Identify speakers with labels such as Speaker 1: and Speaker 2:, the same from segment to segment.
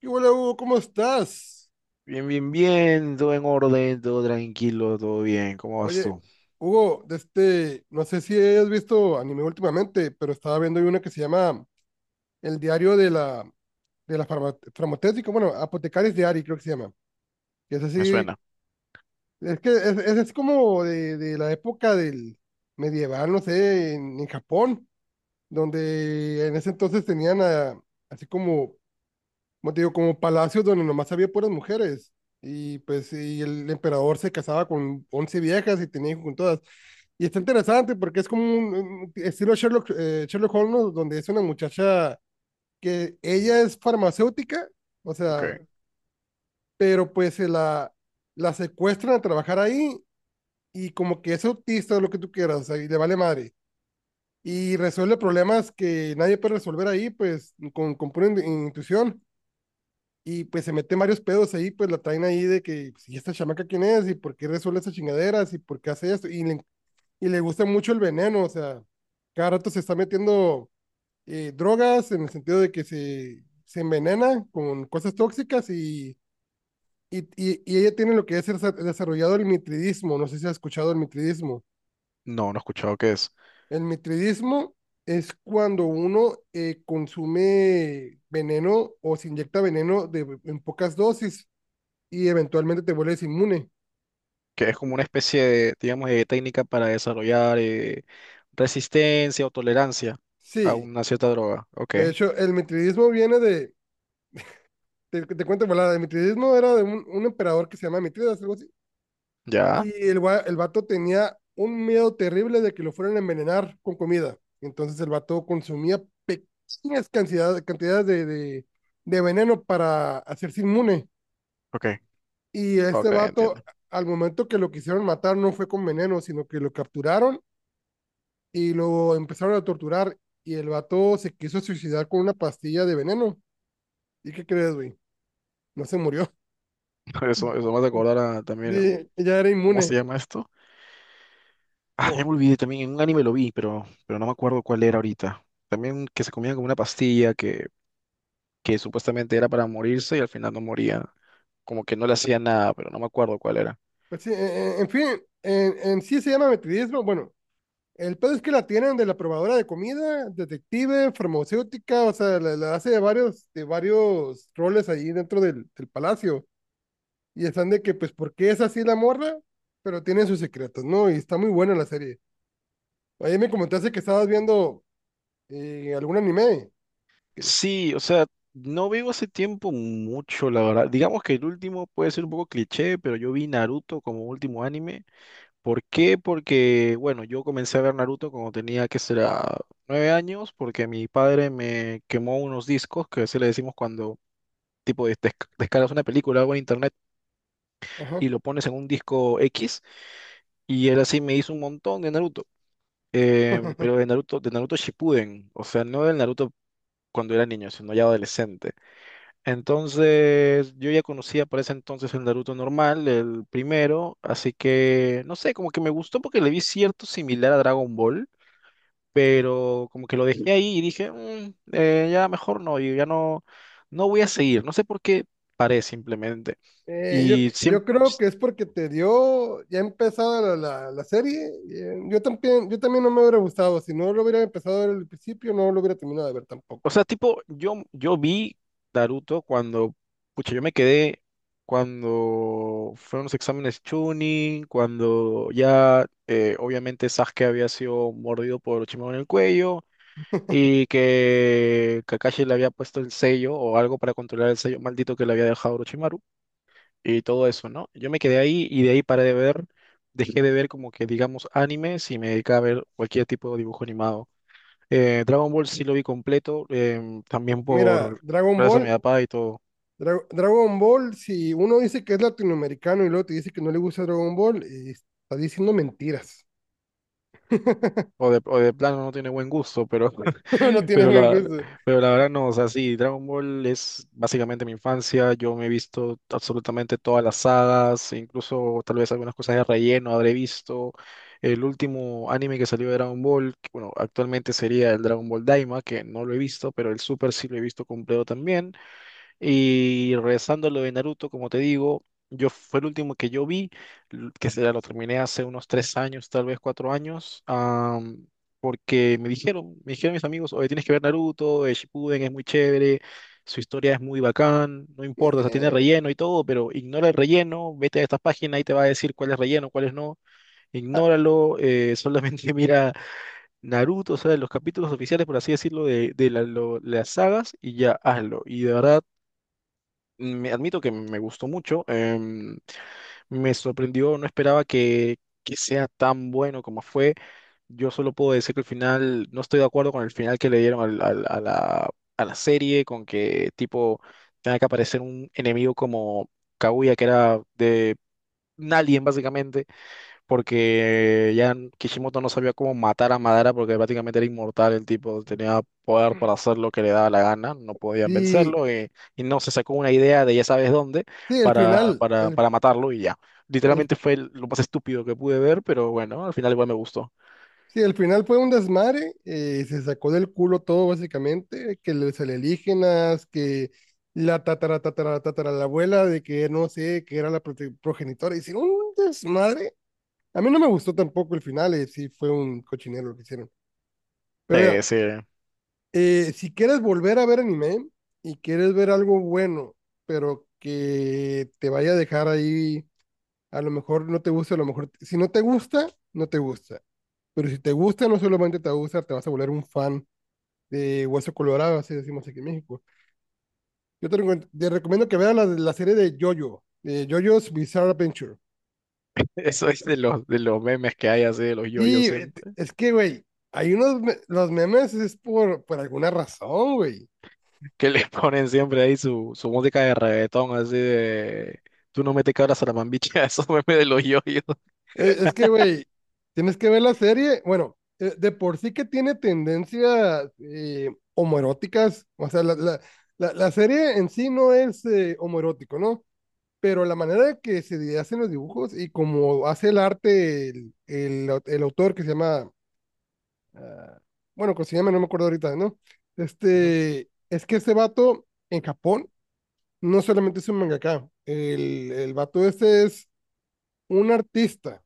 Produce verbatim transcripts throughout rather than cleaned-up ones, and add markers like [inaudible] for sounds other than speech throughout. Speaker 1: ¿Qué hola, Hugo? ¿Cómo estás?
Speaker 2: Bien, bien, bien, todo en orden, todo tranquilo, todo bien. ¿Cómo vas
Speaker 1: Oye,
Speaker 2: tú?
Speaker 1: Hugo, de este, no sé si has visto anime últimamente, pero estaba viendo una que se llama El diario de la, de la farma- farmacéutica, bueno, Apotecaris Diary, creo que se llama. Que es
Speaker 2: Me
Speaker 1: así,
Speaker 2: suena.
Speaker 1: es que es, es- es como de, de la época del medieval, no sé, en, en Japón, donde en ese entonces tenían a- así como como te digo, como palacios donde nomás había puras mujeres. Y pues y el emperador se casaba con once viejas y tenía hijos con todas. Y está interesante porque es como un, un estilo Sherlock, eh, Sherlock Holmes, ¿no? Donde es una muchacha que ella es farmacéutica, o sea,
Speaker 2: Ok.
Speaker 1: pero pues se la, la secuestran a trabajar ahí y como que es autista o lo que tú quieras, o sea, y le vale madre. Y resuelve problemas que nadie puede resolver ahí, pues con, con pura in- intuición. Y pues se mete varios pedos ahí, pues la traen ahí de que, pues, ¿y esta chamaca quién es? ¿Y por qué resuelve esas chingaderas? ¿Y por qué hace esto? Y le, y le gusta mucho el veneno, o sea, cada rato se está metiendo eh, drogas en el sentido de que se, se envenena con cosas tóxicas y, y, y, y ella tiene lo que es el, desarrollado el mitridismo, no sé si has escuchado el mitridismo.
Speaker 2: No, no he escuchado qué es.
Speaker 1: El mitridismo es cuando uno eh, consume veneno o se inyecta veneno de, en pocas dosis y eventualmente te vuelves inmune.
Speaker 2: Que es como una especie de, digamos, de técnica para desarrollar eh, resistencia o tolerancia a
Speaker 1: Sí,
Speaker 2: una cierta droga. Ok.
Speaker 1: de hecho, el mitridismo viene de, te, te cuento, volada, el mitridismo era de un, un emperador que se llama Mitridas, algo así,
Speaker 2: ¿Ya?
Speaker 1: y el, gua- el vato tenía un miedo terrible de que lo fueran a envenenar con comida. Entonces el vato consumía pequeñas cantidades, cantidades de, de, de veneno para hacerse inmune.
Speaker 2: Ok.
Speaker 1: Y este
Speaker 2: Ok, entiendo.
Speaker 1: vato, al momento que lo quisieron matar, no fue con veneno, sino que lo capturaron y lo empezaron a torturar y el vato se quiso suicidar con una pastilla de veneno. ¿Y qué crees, güey? No se murió.
Speaker 2: [laughs] Eso, eso me hace acordar a,
Speaker 1: [laughs]
Speaker 2: también, un-
Speaker 1: Sí, ya era
Speaker 2: ¿cómo se
Speaker 1: inmune.
Speaker 2: llama esto? Ah, ya
Speaker 1: ¿Cómo?
Speaker 2: me olvidé también, en un anime lo vi, pero, pero no me acuerdo cuál era ahorita. También que se comían como una pastilla que que supuestamente era para morirse y al final no moría. Como que no le hacía nada, pero no me acuerdo cuál era.
Speaker 1: Pues sí, en, en fin, en, en sí se llama metidismo. Bueno, el pedo es que la tienen de la probadora de comida, detective, farmacéutica, o sea, la, la hace de varios, de varios roles ahí dentro del, del palacio. Y están de que, pues, ¿por qué es así la morra? Pero tiene sus secretos, ¿no? Y está muy buena la serie. Ayer me comentaste que estabas viendo eh, algún anime.
Speaker 2: Sí, o sea, no veo hace tiempo mucho, la verdad. Digamos que el último puede ser un poco cliché, pero yo vi Naruto como último anime. ¿Por qué? Porque, bueno, yo comencé a ver Naruto cuando tenía, que será, nueve años, porque mi padre me quemó unos discos, que se le decimos cuando, tipo, des- des- descargas una película o en internet
Speaker 1: Ajá.
Speaker 2: y lo pones en un disco X, y él así me hizo un montón de Naruto. Em, pero de
Speaker 1: [laughs]
Speaker 2: Naruto, de Naruto Shippuden, o sea, no del Naruto cuando era niño, sino ya adolescente. Entonces, yo ya conocía para ese entonces el Naruto normal, el primero, así que, no sé, como que me gustó porque le vi cierto similar a Dragon Ball, pero como que lo dejé ahí y dije, "Mm, eh, ya mejor no, y ya no, no voy a seguir, no sé por qué paré simplemente.
Speaker 1: Eh, yo,
Speaker 2: Y
Speaker 1: yo
Speaker 2: siempre...
Speaker 1: creo que es porque te dio ya empezada la, la, la serie. eh, Yo también, yo también no me hubiera gustado. Si no lo hubiera empezado a ver al principio, no lo hubiera terminado de ver tampoco.
Speaker 2: O sea, tipo, yo, yo vi Naruto cuando, pucha, yo me quedé cuando fueron los exámenes Chunin, cuando ya eh, obviamente Sasuke había sido mordido por Orochimaru en el cuello y que Kakashi le había puesto el sello o algo para controlar el sello maldito que le había dejado Orochimaru y todo eso, ¿no? Yo me quedé ahí y de ahí paré de ver, dejé de ver como que digamos animes y me dediqué a ver cualquier tipo de dibujo animado. Eh, Dragon Ball sí lo vi completo, em, también
Speaker 1: Mira,
Speaker 2: por
Speaker 1: Dragon
Speaker 2: gracias a mi
Speaker 1: Ball,
Speaker 2: papá y todo.
Speaker 1: Dra- Dragon Ball, si uno dice que es latinoamericano y luego te dice que no le gusta Dragon Ball, eh, está diciendo mentiras.
Speaker 2: O de, o de plano no tiene buen gusto, pero,
Speaker 1: [laughs] No
Speaker 2: [laughs]
Speaker 1: tiene
Speaker 2: pero,
Speaker 1: buen
Speaker 2: la,
Speaker 1: gusto.
Speaker 2: pero la verdad no, o sea, sí, Dragon Ball es básicamente mi infancia, yo me he visto absolutamente todas las sagas, incluso tal vez algunas cosas de relleno habré visto. El último anime que salió de Dragon Ball, que, bueno, actualmente sería el Dragon Ball Daima, que no lo he visto, pero el Super sí lo he visto completo también. Y regresando a lo de Naruto, como te digo, yo fue el último que yo vi, l- que será, lo terminé hace unos tres años, tal vez cuatro años, am, porque me dijeron, me dijeron mis amigos, oye, tienes que ver Naruto, eh, Shippuden es muy chévere, su historia es muy bacán, no importa, o sea, tiene
Speaker 1: Eh,
Speaker 2: relleno y todo, pero ignora el relleno, vete a esta página y te va a decir cuál es relleno, cuál es no,
Speaker 1: ah,
Speaker 2: ignóralo, eh, solamente [laughs] mira Naruto, o sea, los capítulos oficiales, por así decirlo, de, de la- lo- las sagas y ya hazlo. Y de verdad me admito que me gustó mucho. Em, me sorprendió, no esperaba que, que sea tan bueno como fue. Yo solo puedo decir que el final, no estoy de acuerdo con el final que le dieron al- al- a la, a la serie, con que tipo tenga que aparecer un enemigo como Kaguya, que era de un alien básicamente porque ya Kishimoto no sabía cómo matar a Madara porque prácticamente era inmortal el tipo, tenía poder para hacer lo que le daba la gana, no podían
Speaker 1: sí,
Speaker 2: vencerlo eh, y, no se sacó una idea de ya sabes dónde
Speaker 1: sí, el
Speaker 2: para,
Speaker 1: final,
Speaker 2: para,
Speaker 1: el,
Speaker 2: para matarlo y ya.
Speaker 1: el
Speaker 2: Literalmente fue el- lo más estúpido que pude ver, pero bueno, al final igual me gustó.
Speaker 1: sí, al final fue un desmadre, eh, se sacó del culo todo básicamente, que los alienígenas, que la tatara, tatara, tatara, la abuela de que no sé, que era la prote- progenitora, hicieron un desmadre. A mí no me gustó tampoco el final, eh, sí fue un cochinero lo que hicieron. Pero mira,
Speaker 2: Eh, sí,
Speaker 1: eh, si quieres volver a ver anime y quieres ver algo bueno, pero que te vaya a dejar ahí, a lo mejor no te gusta, a lo mejor, si no te gusta, no te gusta. Pero si te gusta, no solamente te gusta, te vas a volver un fan de Hueso Colorado, así decimos aquí en México. Yo te, recom- te recomiendo que veas la, la serie de Jojo, de Jojo's Bizarre Adventure.
Speaker 2: [laughs] eso es de los, de los memes que hay así, de los yoyos
Speaker 1: Sí, güey,
Speaker 2: siempre,
Speaker 1: es que, güey, hay unos, me- los memes es por, por alguna razón, güey.
Speaker 2: [laughs] que les ponen siempre ahí su, su música de reggaetón así de... Tú no me te cabras a la mambicha, [laughs] esos memes de los yoyos.
Speaker 1: Es, es que, güey, tienes que ver la serie, bueno, eh, de por sí que tiene tendencias eh, homoeróticas, o sea, la, la, la, la serie en sí no es eh, homoerótico, ¿no? Pero la manera que se hacen los dibujos y como hace el arte el, el au- el autor que se llama ah, bueno, consígueme, no me acuerdo ahorita, ¿no? Este, es que ese vato en Japón no solamente es un mangaka, el, el vato este es un artista,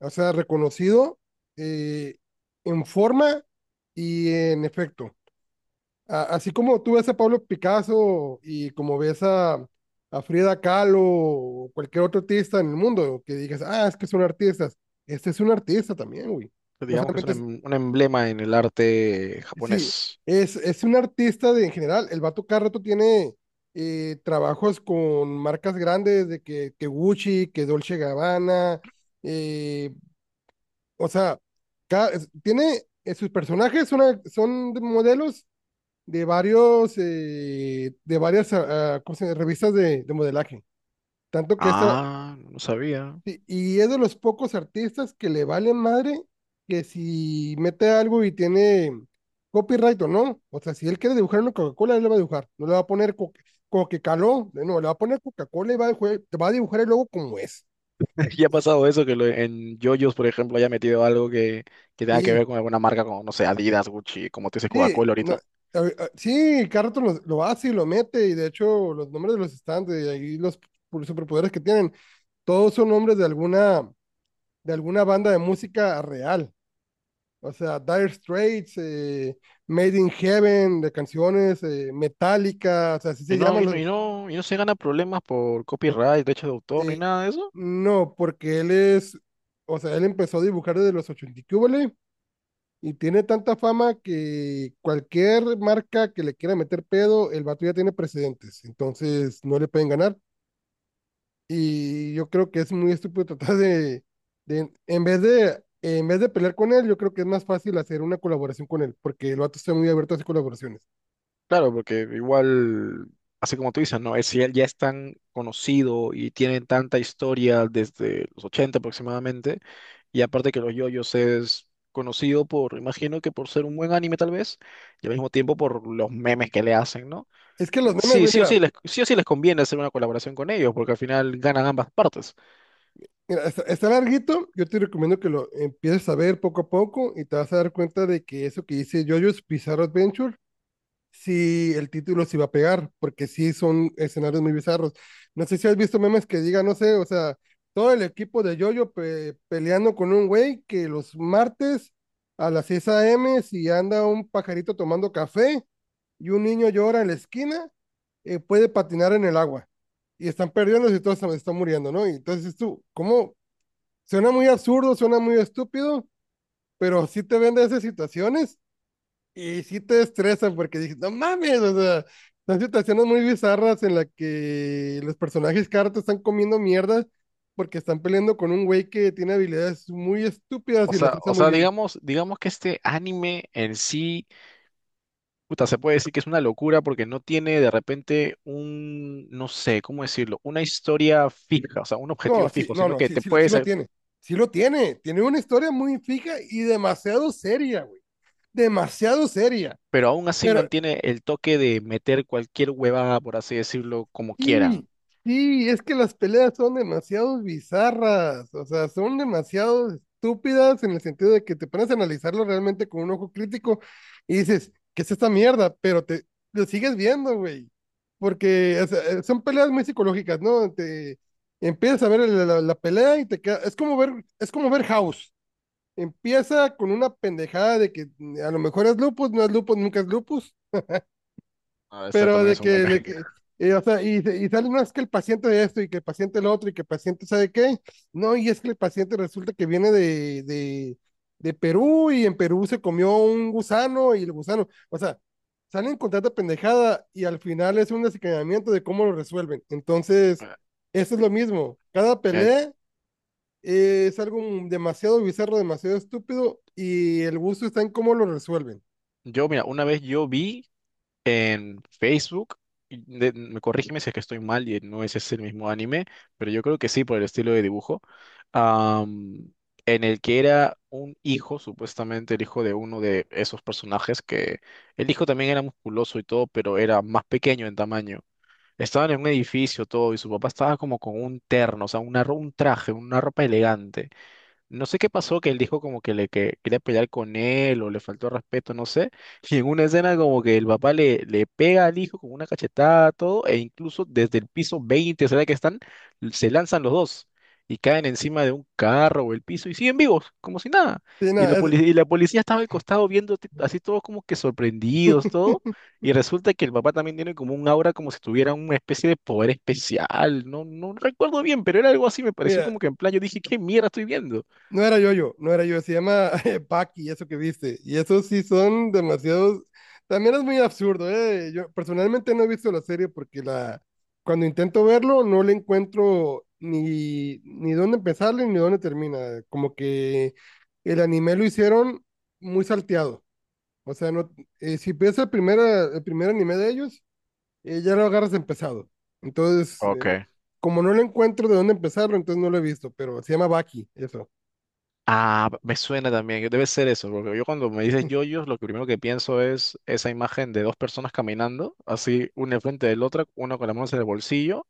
Speaker 1: o sea, reconocido eh, en forma y en efecto. A- así como tú ves a Pablo Picasso y como ves a, a Frida Kahlo o cualquier otro artista en el mundo, que digas, ah, es que son artistas, este es un artista también, güey. No
Speaker 2: Digamos que es un,
Speaker 1: solamente
Speaker 2: em- un emblema en el arte
Speaker 1: Sí,
Speaker 2: japonés.
Speaker 1: es, es un artista de, en general. El vato cada rato tiene eh, trabajos con marcas grandes de que, que Gucci, que Dolce Gabbana. eh, o sea, ca- es- tiene eh, sus personajes son, son de modelos de varios eh, de varias ah, ah, ¿cómo se llama? Revistas de, de modelaje. Tanto que este,
Speaker 2: Ah, no sabía.
Speaker 1: sí, y es de los pocos artistas que le vale madre que si mete algo y tiene copyright o no. O sea, si él quiere dibujar una Coca-Cola, él le va a dibujar. No le va a poner co como que caló. No, le va a poner Coca-Cola y va a, dibujé- va a dibujar el logo como es.
Speaker 2: [laughs] Ya ha pasado eso, que lo- en JoJo's, por ejemplo, haya metido algo que, que tenga que
Speaker 1: Sí,
Speaker 2: ver con alguna marca como, no sé, Adidas, Gucci, como te dice
Speaker 1: sí,
Speaker 2: Coca-Cola
Speaker 1: no,
Speaker 2: ahorita.
Speaker 1: a- a- sí, cada rato lo, lo hace y lo mete. Y de hecho, los nombres de los stands y ahí los pu- superpoderes que tienen, todos son nombres de alguna, de alguna banda de música real. O sea, Dire Straits, eh, Made in Heaven, de canciones, eh, Metallica, o sea, así
Speaker 2: Y
Speaker 1: se
Speaker 2: no,
Speaker 1: llaman
Speaker 2: y no,
Speaker 1: los...
Speaker 2: y no, y no se gana problemas por copyright, derechos de autor, ni
Speaker 1: eh,
Speaker 2: nada de eso.
Speaker 1: no, porque él es, o sea, él empezó a dibujar desde los ochenta y qué húbole, y tiene tanta fama que cualquier marca que le quiera meter pedo, el vato ya tiene precedentes, entonces no le pueden ganar. Y yo creo que es muy estúpido tratar de, de en vez de, en vez de pelear con él, yo creo que es más fácil hacer una colaboración con él, porque el vato está muy abierto a hacer colaboraciones.
Speaker 2: Claro, porque igual, así como tú dices, ¿no? Es, si él ya es tan conocido y tiene tanta historia desde los ochenta aproximadamente. Y aparte que los yoyos es conocido por, imagino que por ser un buen anime tal vez, y al mismo tiempo por los memes que le hacen, ¿no?
Speaker 1: Es que los memes,
Speaker 2: Sí,
Speaker 1: güey,
Speaker 2: sí o
Speaker 1: mira,
Speaker 2: sí les, sí o sí les conviene hacer una colaboración con ellos, porque al final ganan ambas partes.
Speaker 1: mira, está, está larguito. Yo te recomiendo que lo empieces a ver poco a poco y te vas a dar cuenta de que eso que dice JoJo's Bizarre Adventure si el título se iba a pegar, porque sí son escenarios muy bizarros. No sé si has visto memes que digan, no sé, o sea, todo el equipo de Yoyo pe- peleando con un güey que los martes a las seis a m si anda un pajarito tomando café y un niño llora en la esquina, eh, puede patinar en el agua. Y están perdiendo y todos se- están muriendo, ¿no? Y entonces tú, ¿cómo? Suena muy absurdo, suena muy estúpido, pero sí te vende esas situaciones y sí te estresa porque dices, no mames, o sea, son situaciones muy bizarras en las que los personajes cartas están comiendo mierda porque están peleando con un güey que tiene habilidades muy estúpidas
Speaker 2: O
Speaker 1: y las
Speaker 2: sea,
Speaker 1: usa
Speaker 2: o
Speaker 1: muy
Speaker 2: sea,
Speaker 1: bien.
Speaker 2: digamos, digamos que este anime en sí, puta, se puede decir que es una locura porque no tiene de repente un, no sé, ¿cómo decirlo? Una historia fija, o sea, un objetivo
Speaker 1: No, sí,
Speaker 2: fijo,
Speaker 1: no,
Speaker 2: sino
Speaker 1: no,
Speaker 2: que
Speaker 1: sí,
Speaker 2: te
Speaker 1: sí, lo- sí
Speaker 2: puedes,
Speaker 1: lo tiene. Sí lo tiene. Tiene una historia muy fija y demasiado seria, güey. Demasiado seria.
Speaker 2: pero aún así
Speaker 1: Pero
Speaker 2: mantiene el toque de meter cualquier huevada, por así decirlo, como quieran.
Speaker 1: sí, sí, es que las peleas son demasiado bizarras, o sea, son demasiado estúpidas en el sentido de que te pones a analizarlo realmente con un ojo crítico y dices, ¿qué es esta mierda? Pero te lo sigues viendo, güey, porque o sea, eh, son peleas muy psicológicas, ¿no? Te empiezas a ver la, la- la pelea y te queda, es como ver, es como ver House. Empieza con una pendejada de que mm, a lo mejor es lupus, no es lupus, nunca es lupus
Speaker 2: Ah, este
Speaker 1: pero
Speaker 2: también
Speaker 1: de
Speaker 2: es
Speaker 1: que,
Speaker 2: un meme.
Speaker 1: de que eh, o sea, y, y sale, no, es que el paciente de esto y que el paciente el otro y que el paciente sabe qué, no, y es que el paciente resulta que viene de, de, de Perú y en Perú se comió un gusano y el gusano, o sea, salen con tanta pendejada y al final es un desencadenamiento de cómo lo resuelven. Entonces,
Speaker 2: [laughs]
Speaker 1: eso es lo mismo, cada
Speaker 2: Mira,
Speaker 1: pelea eh, es algo demasiado bizarro, demasiado estúpido y el gusto está en cómo lo resuelven.
Speaker 2: yo, mira, una vez yo vi en Facebook, y de- me corrígeme si es que estoy mal y no ese es el mismo anime, pero yo creo que sí por el estilo de dibujo, am, en el que era un hijo, supuestamente el hijo de uno de esos personajes, que el hijo también era musculoso y todo, pero era más pequeño en tamaño. Estaban en un edificio todo y su papá estaba como con un terno, o sea, una, ro- un traje, una ropa elegante. No sé qué pasó, que él dijo como que le que quería pelear con él o le faltó respeto, no sé. Y en una escena como que el papá le, le pega al hijo con una cachetada, todo, e incluso desde el piso veinte, será que están, se lanzan los dos y caen encima de un carro o el piso y siguen vivos, como si nada.
Speaker 1: Sí,
Speaker 2: Y
Speaker 1: nada,
Speaker 2: la
Speaker 1: es-
Speaker 2: policía, y la policía estaba al costado viendo t- así todos como que sorprendidos, todo.
Speaker 1: [laughs]
Speaker 2: Y resulta que el papá también tiene como un aura como si tuviera una especie de poder especial. No, no recuerdo bien, pero era algo así, me pareció
Speaker 1: mira,
Speaker 2: como que en plan yo dije, ¿qué mierda estoy viendo?
Speaker 1: No era yo no era yo, se llama [laughs] Paki, eso que viste. Y esos sí son demasiados. También es muy absurdo, ¿eh? Yo personalmente no he visto la serie porque la... cuando intento verlo no le encuentro ni, ni dónde empezarle ni dónde termina. Como que el anime lo hicieron muy salteado. O sea, no... eh, si ves el primer, el primer anime de ellos, eh, ya lo agarras empezado. Entonces, eh,
Speaker 2: Ok.
Speaker 1: como no le encuentro de dónde empezarlo, entonces no lo he visto, pero se llama Baki, eso.
Speaker 2: Ah, me suena también, debe ser eso, porque yo cuando me dices yoyos, lo que primero que pienso es esa imagen de dos personas caminando, así una enfrente de la otra, una con las manos en el bolsillo,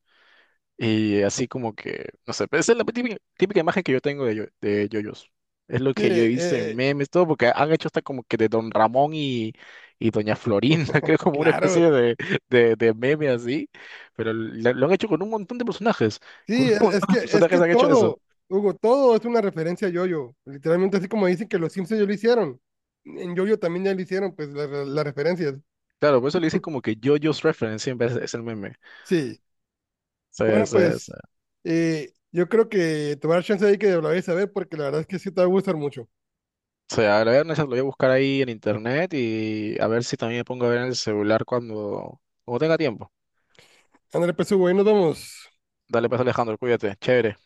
Speaker 2: y así como que, no sé, pero esa es la típica, típica imagen que yo tengo de, yo- de yoyos. Es lo
Speaker 1: Sí,
Speaker 2: que yo
Speaker 1: eh,
Speaker 2: he visto en
Speaker 1: eh,
Speaker 2: memes, todo, porque han hecho hasta como que de Don Ramón y, y Doña Florinda, [laughs] creo como una
Speaker 1: claro.
Speaker 2: especie de, de, de meme así, pero lo, lo han hecho con un montón de personajes, con
Speaker 1: Sí,
Speaker 2: un
Speaker 1: es, es
Speaker 2: montón
Speaker 1: que
Speaker 2: de
Speaker 1: es que
Speaker 2: personajes han hecho
Speaker 1: todo,
Speaker 2: eso.
Speaker 1: Hugo, todo es una referencia a Yoyo. Literalmente así como dicen que los Simpsons ya lo hicieron. En Yoyo también ya lo hicieron, pues la- la- las referencias.
Speaker 2: Claro, por eso le dice como que JoJo's Reference siempre es, es el meme.
Speaker 1: Sí.
Speaker 2: Se,
Speaker 1: Bueno,
Speaker 2: se, se,
Speaker 1: pues eh, yo creo que te voy a dar chance ahí que lo vayas a ver porque la verdad es que sí te va a gustar mucho.
Speaker 2: se agregan esas lo voy a buscar ahí en internet y a ver si también me pongo a ver en el celular cuando, cuando tenga tiempo.
Speaker 1: André, pues Hugo, ahí nos vemos.
Speaker 2: Dale pues Alejandro, cuídate, chévere.